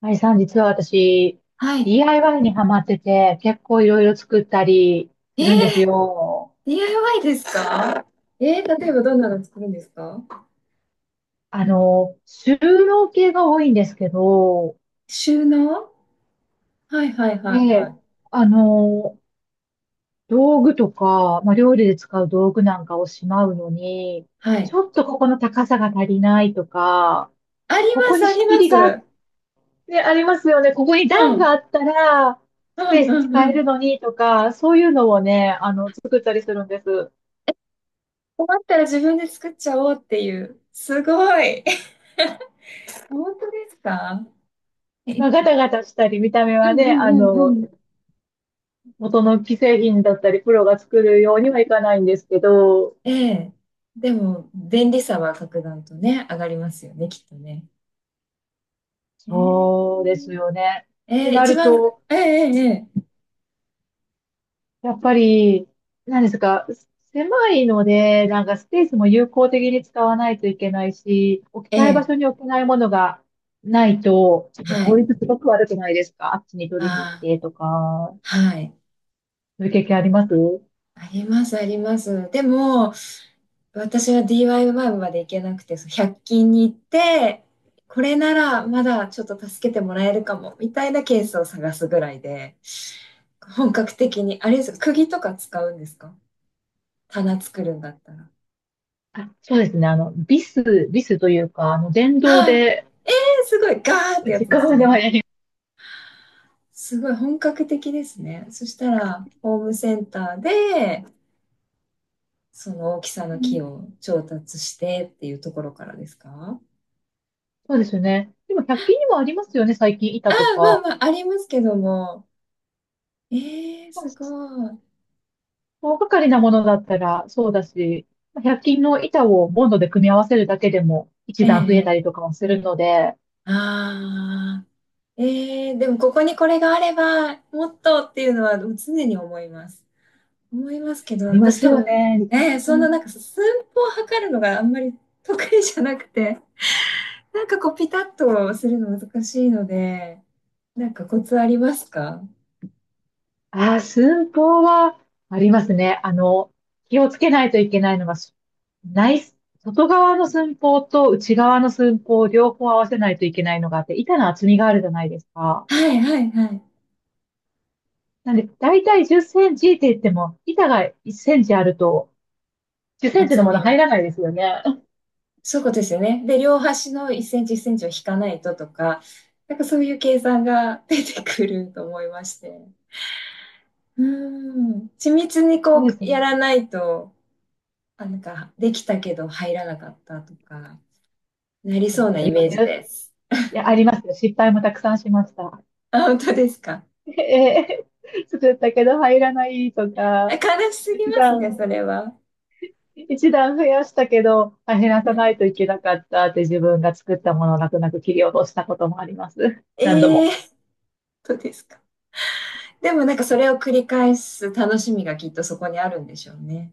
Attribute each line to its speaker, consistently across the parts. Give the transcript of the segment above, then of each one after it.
Speaker 1: あいさん、実は私、
Speaker 2: はい。
Speaker 1: DIY にハマってて、結構いろいろ作ったり
Speaker 2: え
Speaker 1: す
Speaker 2: ー、
Speaker 1: るんですよ。
Speaker 2: DIY ですか？ 例えばどんなの作るんですか？
Speaker 1: 収納系が多いんですけど、
Speaker 2: 収納、はいはいはいは
Speaker 1: で、
Speaker 2: い。
Speaker 1: あの、道具とか、料理で使う道具なんかをしまうのに、
Speaker 2: は
Speaker 1: ち
Speaker 2: い。
Speaker 1: ょっとここの高さが足りないとか、
Speaker 2: あり
Speaker 1: こ
Speaker 2: ま
Speaker 1: こ
Speaker 2: す、
Speaker 1: に
Speaker 2: あ
Speaker 1: 仕
Speaker 2: り
Speaker 1: 切
Speaker 2: ま
Speaker 1: りがあっ
Speaker 2: す。
Speaker 1: てありますよね。ここに
Speaker 2: う
Speaker 1: 段
Speaker 2: ん。
Speaker 1: があったら、
Speaker 2: う
Speaker 1: スペー
Speaker 2: ん
Speaker 1: ス
Speaker 2: うん
Speaker 1: 使
Speaker 2: う
Speaker 1: える
Speaker 2: ん。
Speaker 1: のにとか、そういうのをね、作ったりするんです。
Speaker 2: 困ったら自分で作っちゃおうっていう。すごい。本当ですか？え、
Speaker 1: まあ、ガタガタしたり、見た目
Speaker 2: う
Speaker 1: は
Speaker 2: んう
Speaker 1: ね、
Speaker 2: んうんうん。
Speaker 1: 元の既製品だったり、プロが作るようにはいかないんですけど、
Speaker 2: ええ。でも、便利さは格段とね、上がりますよね、きっとね。え
Speaker 1: そうです
Speaker 2: え
Speaker 1: よね。って
Speaker 2: ええ、
Speaker 1: な
Speaker 2: 一
Speaker 1: る
Speaker 2: 番、
Speaker 1: と、
Speaker 2: えええ
Speaker 1: やっぱり、何ですか、狭いので、なんかスペースも有効的に使わないといけないし、置き
Speaker 2: えええ
Speaker 1: たい場所
Speaker 2: ええ、
Speaker 1: に置けないものがないと、あの
Speaker 2: は
Speaker 1: 効
Speaker 2: い。
Speaker 1: 率すごく悪くないですか？あっちに取りに行っ
Speaker 2: あ
Speaker 1: てとか、
Speaker 2: あ、はい。
Speaker 1: そういう経験あります？
Speaker 2: あります、あります。でも、私は DIY まで行けなくて、そう100均に行って、これならまだちょっと助けてもらえるかも、みたいなケースを探すぐらいで、本格的に、あれですか、釘とか使うんですか？棚作るんだったら。
Speaker 1: あ、そうですね。あの、ビスというか、あの、電動
Speaker 2: ああ、
Speaker 1: で、
Speaker 2: えー、すごい、ガーってや
Speaker 1: 時
Speaker 2: つで
Speaker 1: 間
Speaker 2: すね。
Speaker 1: はね。
Speaker 2: すごい本格的ですね。そしたら、ホームセンターで、その大きさ
Speaker 1: う
Speaker 2: の木
Speaker 1: ん、
Speaker 2: を調達してっていうところからですか？
Speaker 1: そうですよね。でも百均にもありますよね、最近
Speaker 2: あ
Speaker 1: 板と
Speaker 2: あ、ま
Speaker 1: か。
Speaker 2: あまあ、ありますけども。ええ、
Speaker 1: まあ、
Speaker 2: すごい。
Speaker 1: 大掛かりなものだったらそうだし、まあ1均の板をボンドで組み合わせるだけでも一段増え
Speaker 2: え
Speaker 1: たり
Speaker 2: え、
Speaker 1: とかもするので、あ
Speaker 2: ああ、ええ、でもここにこれがあれば、もっとっていうのは常に思います。思いますけど、
Speaker 1: りま
Speaker 2: 私
Speaker 1: す
Speaker 2: 多
Speaker 1: よ
Speaker 2: 分、
Speaker 1: ね。
Speaker 2: ええ、そん
Speaker 1: う
Speaker 2: なな
Speaker 1: ん。
Speaker 2: んか寸法を測るのがあんまり得意じゃなくて、なんかこうピタッとするの難しいので、なんかコツありますか？
Speaker 1: ああ、寸法はありますね。気をつけないといけないのが、内、外側の寸法と内側の寸法を両方合わせないといけないのがあって、板の厚みがあるじゃないですか。
Speaker 2: はいはいはい。
Speaker 1: なんで、だいたい10センチって言っても、板が1センチあると、10センチの
Speaker 2: 厚
Speaker 1: も
Speaker 2: み
Speaker 1: の入
Speaker 2: が。
Speaker 1: らないですよね。
Speaker 2: そういうことですよね。で、両端の1センチ1センチを引かないととか、なんかそういう計算が出てくると思いまして。うん。緻密に
Speaker 1: そ
Speaker 2: こう
Speaker 1: うですね。
Speaker 2: やらないと、あ、なんかできたけど入らなかったとか、なり
Speaker 1: い
Speaker 2: そうな
Speaker 1: や、あ
Speaker 2: イ
Speaker 1: りま
Speaker 2: メー
Speaker 1: す
Speaker 2: ジ
Speaker 1: よ。
Speaker 2: です。
Speaker 1: いや、ありますよ。失敗もたくさんしました。
Speaker 2: あ、本当ですか？
Speaker 1: ええ、作ったけど入らないと
Speaker 2: あ、
Speaker 1: か、
Speaker 2: 悲しすぎ
Speaker 1: 一
Speaker 2: ますね、
Speaker 1: 段、
Speaker 2: それは。
Speaker 1: 一段増やしたけど、あ、減ら
Speaker 2: は
Speaker 1: さ
Speaker 2: い、
Speaker 1: ないといけなかったって自分が作ったものを泣く泣く切り落としたこともあります。何度
Speaker 2: ええー、
Speaker 1: も。
Speaker 2: 本当ですか？でもなんかそれを繰り返す楽しみがきっとそこにあるんでしょうね。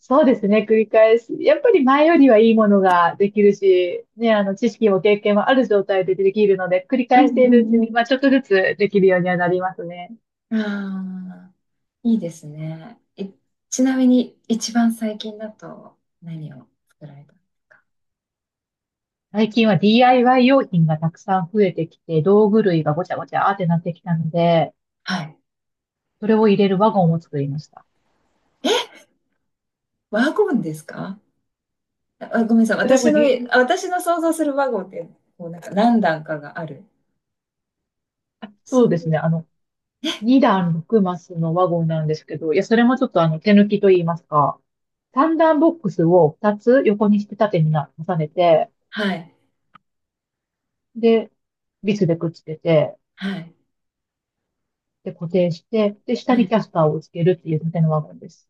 Speaker 1: そうですね、繰り返し。やっぱり前よりはいいものができるし、ね、知識も経験もある状態でできるので、繰り
Speaker 2: う
Speaker 1: 返し
Speaker 2: ん
Speaker 1: ているうち
Speaker 2: う
Speaker 1: に、
Speaker 2: ん
Speaker 1: まあ、ちょっとずつできるようにはなりますね。
Speaker 2: うん。ああ。いいですね。え、ちなみに、一番最近だと何を作られたんですか？
Speaker 1: 最近は DIY 用品がたくさん増えてきて、道具類がごちゃごちゃーってなってきたので、
Speaker 2: はい。
Speaker 1: それを入れるワゴンを作りました。
Speaker 2: え、ワゴンですか？あ、ごめんなさい。
Speaker 1: それ
Speaker 2: 私
Speaker 1: も
Speaker 2: の、
Speaker 1: り、
Speaker 2: あ、私の想像するワゴンって、こう、なんか何段かがある。
Speaker 1: あ
Speaker 2: そ
Speaker 1: そう
Speaker 2: う、
Speaker 1: ですね、
Speaker 2: え、
Speaker 1: 2段6マスのワゴンなんですけど、いや、それもちょっと手抜きと言いますか、3段ボックスを2つ横にして縦にな重ねて、
Speaker 2: はい、
Speaker 1: で、ビスでくっつけて、
Speaker 2: はい、
Speaker 1: で、固定して、で、下
Speaker 2: は
Speaker 1: にキ
Speaker 2: い。
Speaker 1: ャスターをつけるっていう縦のワゴンです。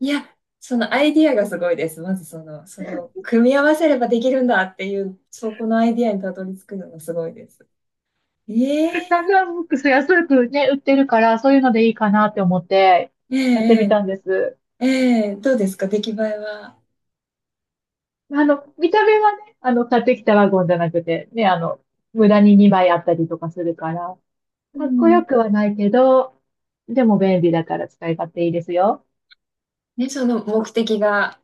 Speaker 2: いや、そのアイディアがすごいです。まずその、それを組み合わせればできるんだっていう、そこのアイディアにたどり着くのがすごいです。え
Speaker 1: サン
Speaker 2: え
Speaker 1: ドラブックス安くね、売ってるから、そういうのでいいかなって思って、やってみ
Speaker 2: ええ
Speaker 1: たんです。
Speaker 2: ええええ、どうですか出来栄えは？
Speaker 1: 見た目はね、買ってきたワゴンじゃなくて、ね、無駄に2枚あったりとかするから、
Speaker 2: う
Speaker 1: かっこ
Speaker 2: ん、
Speaker 1: よくはないけど、でも便利だから使い勝手いいですよ。
Speaker 2: ね、その目的が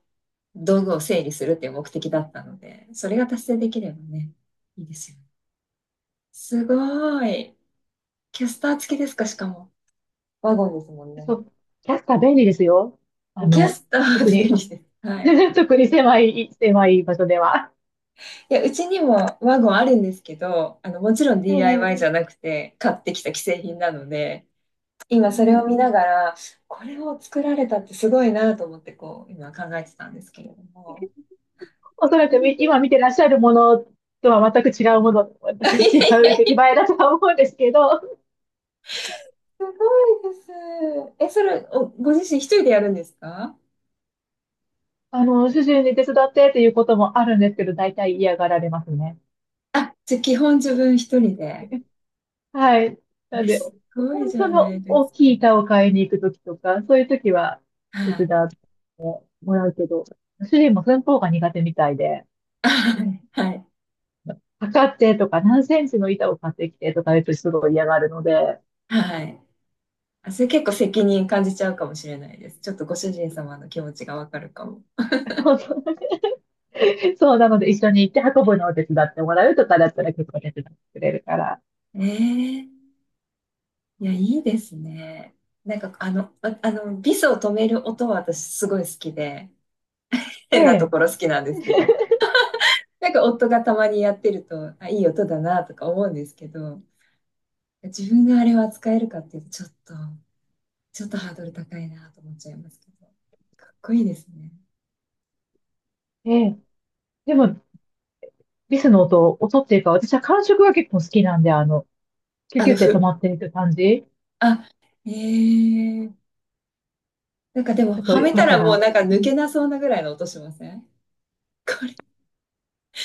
Speaker 2: 道具を整理するっていう目的だったので、それが達成できればね、いいですよね。すごい。キャスター付きですか、しかも。ワゴンですもん
Speaker 1: そ
Speaker 2: ね。
Speaker 1: う、キャスター便利ですよ。あ
Speaker 2: キャ
Speaker 1: の、
Speaker 2: スター
Speaker 1: 特
Speaker 2: 付き便
Speaker 1: に、
Speaker 2: 利です。はい。
Speaker 1: 特に狭い場所では。
Speaker 2: いや、うちにもワゴンあるんですけど、あの、もちろん
Speaker 1: え
Speaker 2: DIY じ
Speaker 1: え、
Speaker 2: ゃなくて、買ってきた既製品なので、
Speaker 1: う
Speaker 2: 今それを
Speaker 1: ん、
Speaker 2: 見ながら、これを作られたってすごいなと思って、こう、今考えてたんですけれども。
Speaker 1: おそらく今 見てらっしゃるものとは全く違うもの、全く
Speaker 2: い
Speaker 1: 違
Speaker 2: やい
Speaker 1: う出
Speaker 2: や、
Speaker 1: 来栄えだとは思うんですけど、
Speaker 2: すごいです。え、それ、ご自身一人でやるんですか？
Speaker 1: 主人に手伝ってっていうこともあるんですけど、大体嫌がられますね。
Speaker 2: あ、じゃあ基本自分一人で。
Speaker 1: はい。な
Speaker 2: え、
Speaker 1: んで、
Speaker 2: すごい
Speaker 1: 本
Speaker 2: じゃ
Speaker 1: 当
Speaker 2: な
Speaker 1: の
Speaker 2: いで
Speaker 1: 大
Speaker 2: すか。
Speaker 1: きい板を買いに行くときとか、そういうときは
Speaker 2: は
Speaker 1: 手伝
Speaker 2: い。
Speaker 1: ってもらうけど、主人も寸法が苦手みたいで、
Speaker 2: あ、はい。
Speaker 1: 測ってとか何センチの板を買ってきてとか言うとすごい嫌がるので、
Speaker 2: はい。あ、それ結構責任感じちゃうかもしれないです。ちょっとご主人様の気持ちがわかるかも。
Speaker 1: そうなので、一緒に行って運ぶのを手伝ってもらうとかだったら結構手伝ってくれるから。
Speaker 2: ええ、いや、いいですね。なんか、ビスを止める音は私すごい好きで、
Speaker 1: え
Speaker 2: 変なと
Speaker 1: え、
Speaker 2: ころ好きなんですけど、なんか夫がたまにやってると、あ、いい音だなとか思うんですけど、自分があれを扱えるかっていうと、ちょっとハードル高いなと思っちゃいますけど。かっこいいですね。
Speaker 1: ええ。でも、リスの音、音っていうか、私は感触が結構好きなんで、キュ
Speaker 2: あ
Speaker 1: キュ
Speaker 2: の、
Speaker 1: って止ま
Speaker 2: ふ、
Speaker 1: っていく感じ。
Speaker 2: あ、ええ、なんかでも、
Speaker 1: ちょっと
Speaker 2: は
Speaker 1: よ
Speaker 2: め
Speaker 1: か
Speaker 2: た
Speaker 1: った
Speaker 2: らもう
Speaker 1: ら。
Speaker 2: なんか
Speaker 1: う
Speaker 2: 抜け
Speaker 1: ん、
Speaker 2: なそうなぐらいの音しません？これ。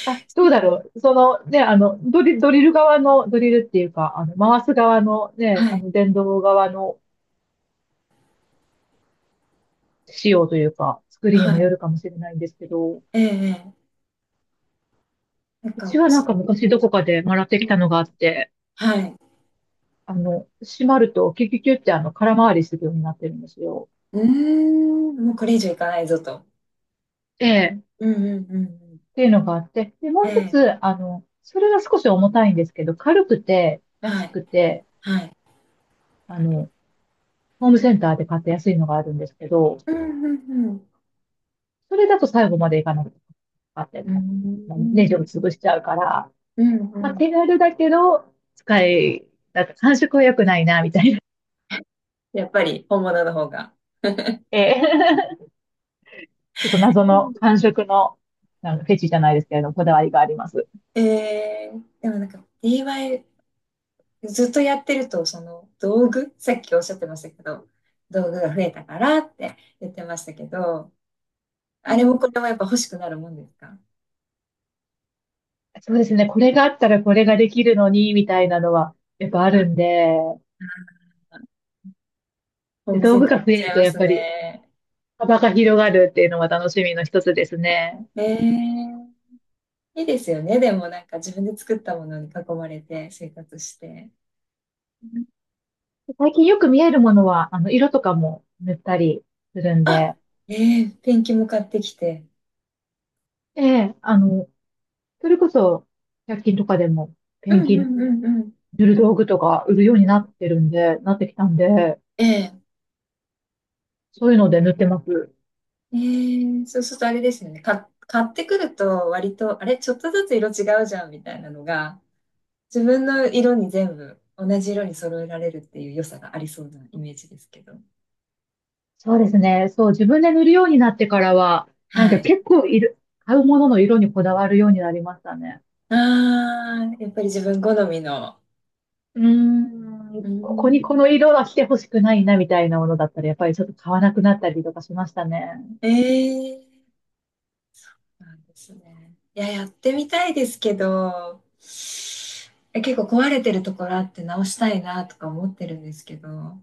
Speaker 1: あ、どうだろう。そのね、あの、ドリル側の、ドリルっていうか、回す側のね、
Speaker 2: はい。
Speaker 1: 電動側の仕様というか、作りに
Speaker 2: は
Speaker 1: もよ
Speaker 2: い。
Speaker 1: るかもしれないんですけど、
Speaker 2: ええええ、なん
Speaker 1: うち
Speaker 2: か、
Speaker 1: はな
Speaker 2: そ
Speaker 1: んか
Speaker 2: う
Speaker 1: 昔どこ
Speaker 2: ん、
Speaker 1: かで習ってきたのがあって、
Speaker 2: はい。
Speaker 1: 閉まるとキュキュキュって、あの、空回りするようになってるんですよ。
Speaker 2: うーん、もうこれ以上いかないぞと。
Speaker 1: ええ。っ
Speaker 2: うんうんうんうん。
Speaker 1: ていうのがあって、で、もう一
Speaker 2: ええ、
Speaker 1: つ、それが少し重たいんですけど、軽くて、
Speaker 2: は
Speaker 1: 安
Speaker 2: い。
Speaker 1: くて、
Speaker 2: はい。
Speaker 1: あの、ホームセンターで買って安いのがあるんですけど、
Speaker 2: うんうんうん。
Speaker 1: それだと最後までいかなくて買って、
Speaker 2: う
Speaker 1: まあネジを
Speaker 2: ん。
Speaker 1: 潰しちゃうから、
Speaker 2: うん
Speaker 1: ま
Speaker 2: う
Speaker 1: あ、手
Speaker 2: ん。
Speaker 1: 軽だけど、使い、なんか感触は良くないな、みたいな。
Speaker 2: やっぱり本物の方が。
Speaker 1: ええ、ちょっと謎の感触の、なんかフェチじゃないですけれども、こだわりがあります。
Speaker 2: でもなんか d i ずっとやってるとその道具、さっきおっしゃってましたけど、道具が増えたからって言ってましたけど、あれもこれもやっぱ欲しくなるもんですか？
Speaker 1: そうですね。これがあったらこれができるのに、みたいなのは、やっぱあ
Speaker 2: あ、
Speaker 1: るんで、
Speaker 2: ホー
Speaker 1: で、
Speaker 2: ムセ
Speaker 1: 道
Speaker 2: ン
Speaker 1: 具
Speaker 2: ター
Speaker 1: が
Speaker 2: 行っ
Speaker 1: 増え
Speaker 2: ちゃ
Speaker 1: る
Speaker 2: い
Speaker 1: と、
Speaker 2: ま
Speaker 1: やっ
Speaker 2: す
Speaker 1: ぱり
Speaker 2: ね。
Speaker 1: 幅が広がるっていうのは楽しみの一つですね。
Speaker 2: えー、いいですよね？でもなんか自分で作ったものに囲まれて生活して
Speaker 1: 最近よく見えるものは、色とかも塗ったりするんで、
Speaker 2: あえペンキも買ってきて。
Speaker 1: ええ、それこそ、百均とかでも、
Speaker 2: う
Speaker 1: ペン
Speaker 2: ん
Speaker 1: キ
Speaker 2: うんうんうん。
Speaker 1: 塗る道具とか売るようになってるんで、なってきたんで、
Speaker 2: え
Speaker 1: そういうので塗ってます。
Speaker 2: ええ、そうするとあれですよね。買ってくると割と、あれ、ちょっとずつ色違うじゃんみたいなのが、自分の色に全部同じ色に揃えられるっていう良さがありそうなイメージですけど。
Speaker 1: そうですね。そう、自分で塗るようになってからは、なん
Speaker 2: は
Speaker 1: か
Speaker 2: い。
Speaker 1: 結構いる、買うものの色にこだわるようになりましたね。
Speaker 2: ああ、やっぱり自分好みの。
Speaker 1: うー
Speaker 2: う
Speaker 1: ん、
Speaker 2: ー
Speaker 1: ここにこの
Speaker 2: ん。
Speaker 1: 色は来てほしくないなみたいなものだったら、やっぱりちょっと買わなくなったりとかしましたね。
Speaker 2: ええ、なんですね。いや、やってみたいですけど、結構壊れてるところあって直したいなとか思ってるんですけど、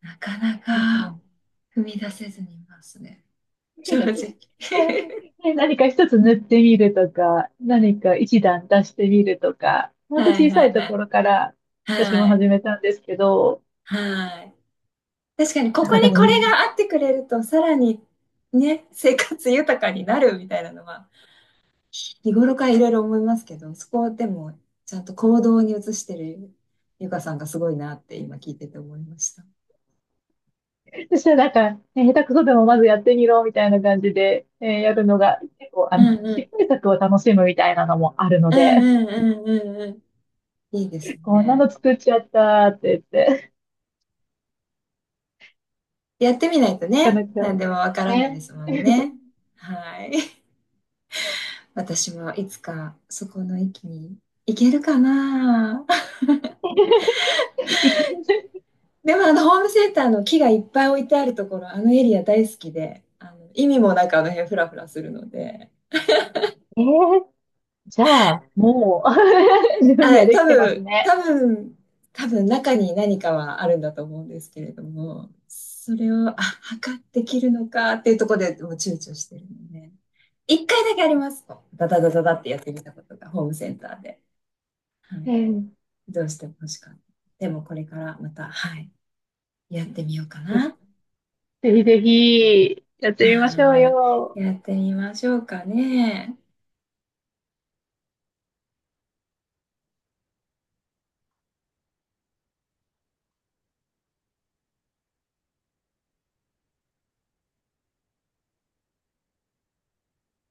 Speaker 2: なかな
Speaker 1: え
Speaker 2: か
Speaker 1: え。
Speaker 2: 踏み出せずにいますね。正直。
Speaker 1: ね、何か一つ塗ってみるとか、何か一段出してみるとか、ほ
Speaker 2: は
Speaker 1: んと
Speaker 2: い
Speaker 1: 小さ
Speaker 2: は
Speaker 1: い
Speaker 2: い
Speaker 1: と
Speaker 2: は
Speaker 1: こ
Speaker 2: い。
Speaker 1: ろから私も
Speaker 2: はい。
Speaker 1: 始めたんですけど、
Speaker 2: はい。確かに、こ
Speaker 1: なん
Speaker 2: こ
Speaker 1: かで
Speaker 2: にこ
Speaker 1: も、
Speaker 2: れがあってくれると、さらにね、生活豊かになるみたいなのは、日頃からいろいろ思いますけど、そこでも、ちゃんと行動に移してるゆかさんがすごいなって今聞いてて思いました。
Speaker 1: そしたらなんか、ね、下手くそでもまずやってみろみたいな感じで、やるのが結構、
Speaker 2: うんう
Speaker 1: 失
Speaker 2: ん。
Speaker 1: 敗作を楽しむみたいなのもあるの
Speaker 2: うん
Speaker 1: で、
Speaker 2: うんうんうんうん。いいです
Speaker 1: こんな
Speaker 2: ね。
Speaker 1: の作っちゃったって言って、
Speaker 2: やってみないと
Speaker 1: な
Speaker 2: ね、
Speaker 1: かな
Speaker 2: 何
Speaker 1: か
Speaker 2: でもわからないで
Speaker 1: ね。
Speaker 2: すもんね。はい。私はいつかそこの域に行けるかな。
Speaker 1: 行く。
Speaker 2: でもあのホームセンターの木がいっぱい置いてあるところ、あのエリア大好きで、あの意味もなくあの辺フラフラするので、
Speaker 1: えー、じゃあ、もう 準備
Speaker 2: あ、
Speaker 1: はで
Speaker 2: 多
Speaker 1: きてます
Speaker 2: 分、
Speaker 1: ね。
Speaker 2: 多分、多分中に何かはあるんだと思うんですけれども、それを、あ、測って切るのかっていうところでもう躊躇してるので、一回だけありますと。ダダダダダってやってみたことがホームセンターで、は
Speaker 1: え
Speaker 2: い、
Speaker 1: ー、
Speaker 2: どうしても欲しかった。でもこれからまた、はい、やってみようかな。
Speaker 1: ぜひぜひ、やってみましょう
Speaker 2: はい。
Speaker 1: よ。
Speaker 2: やってみましょうかね。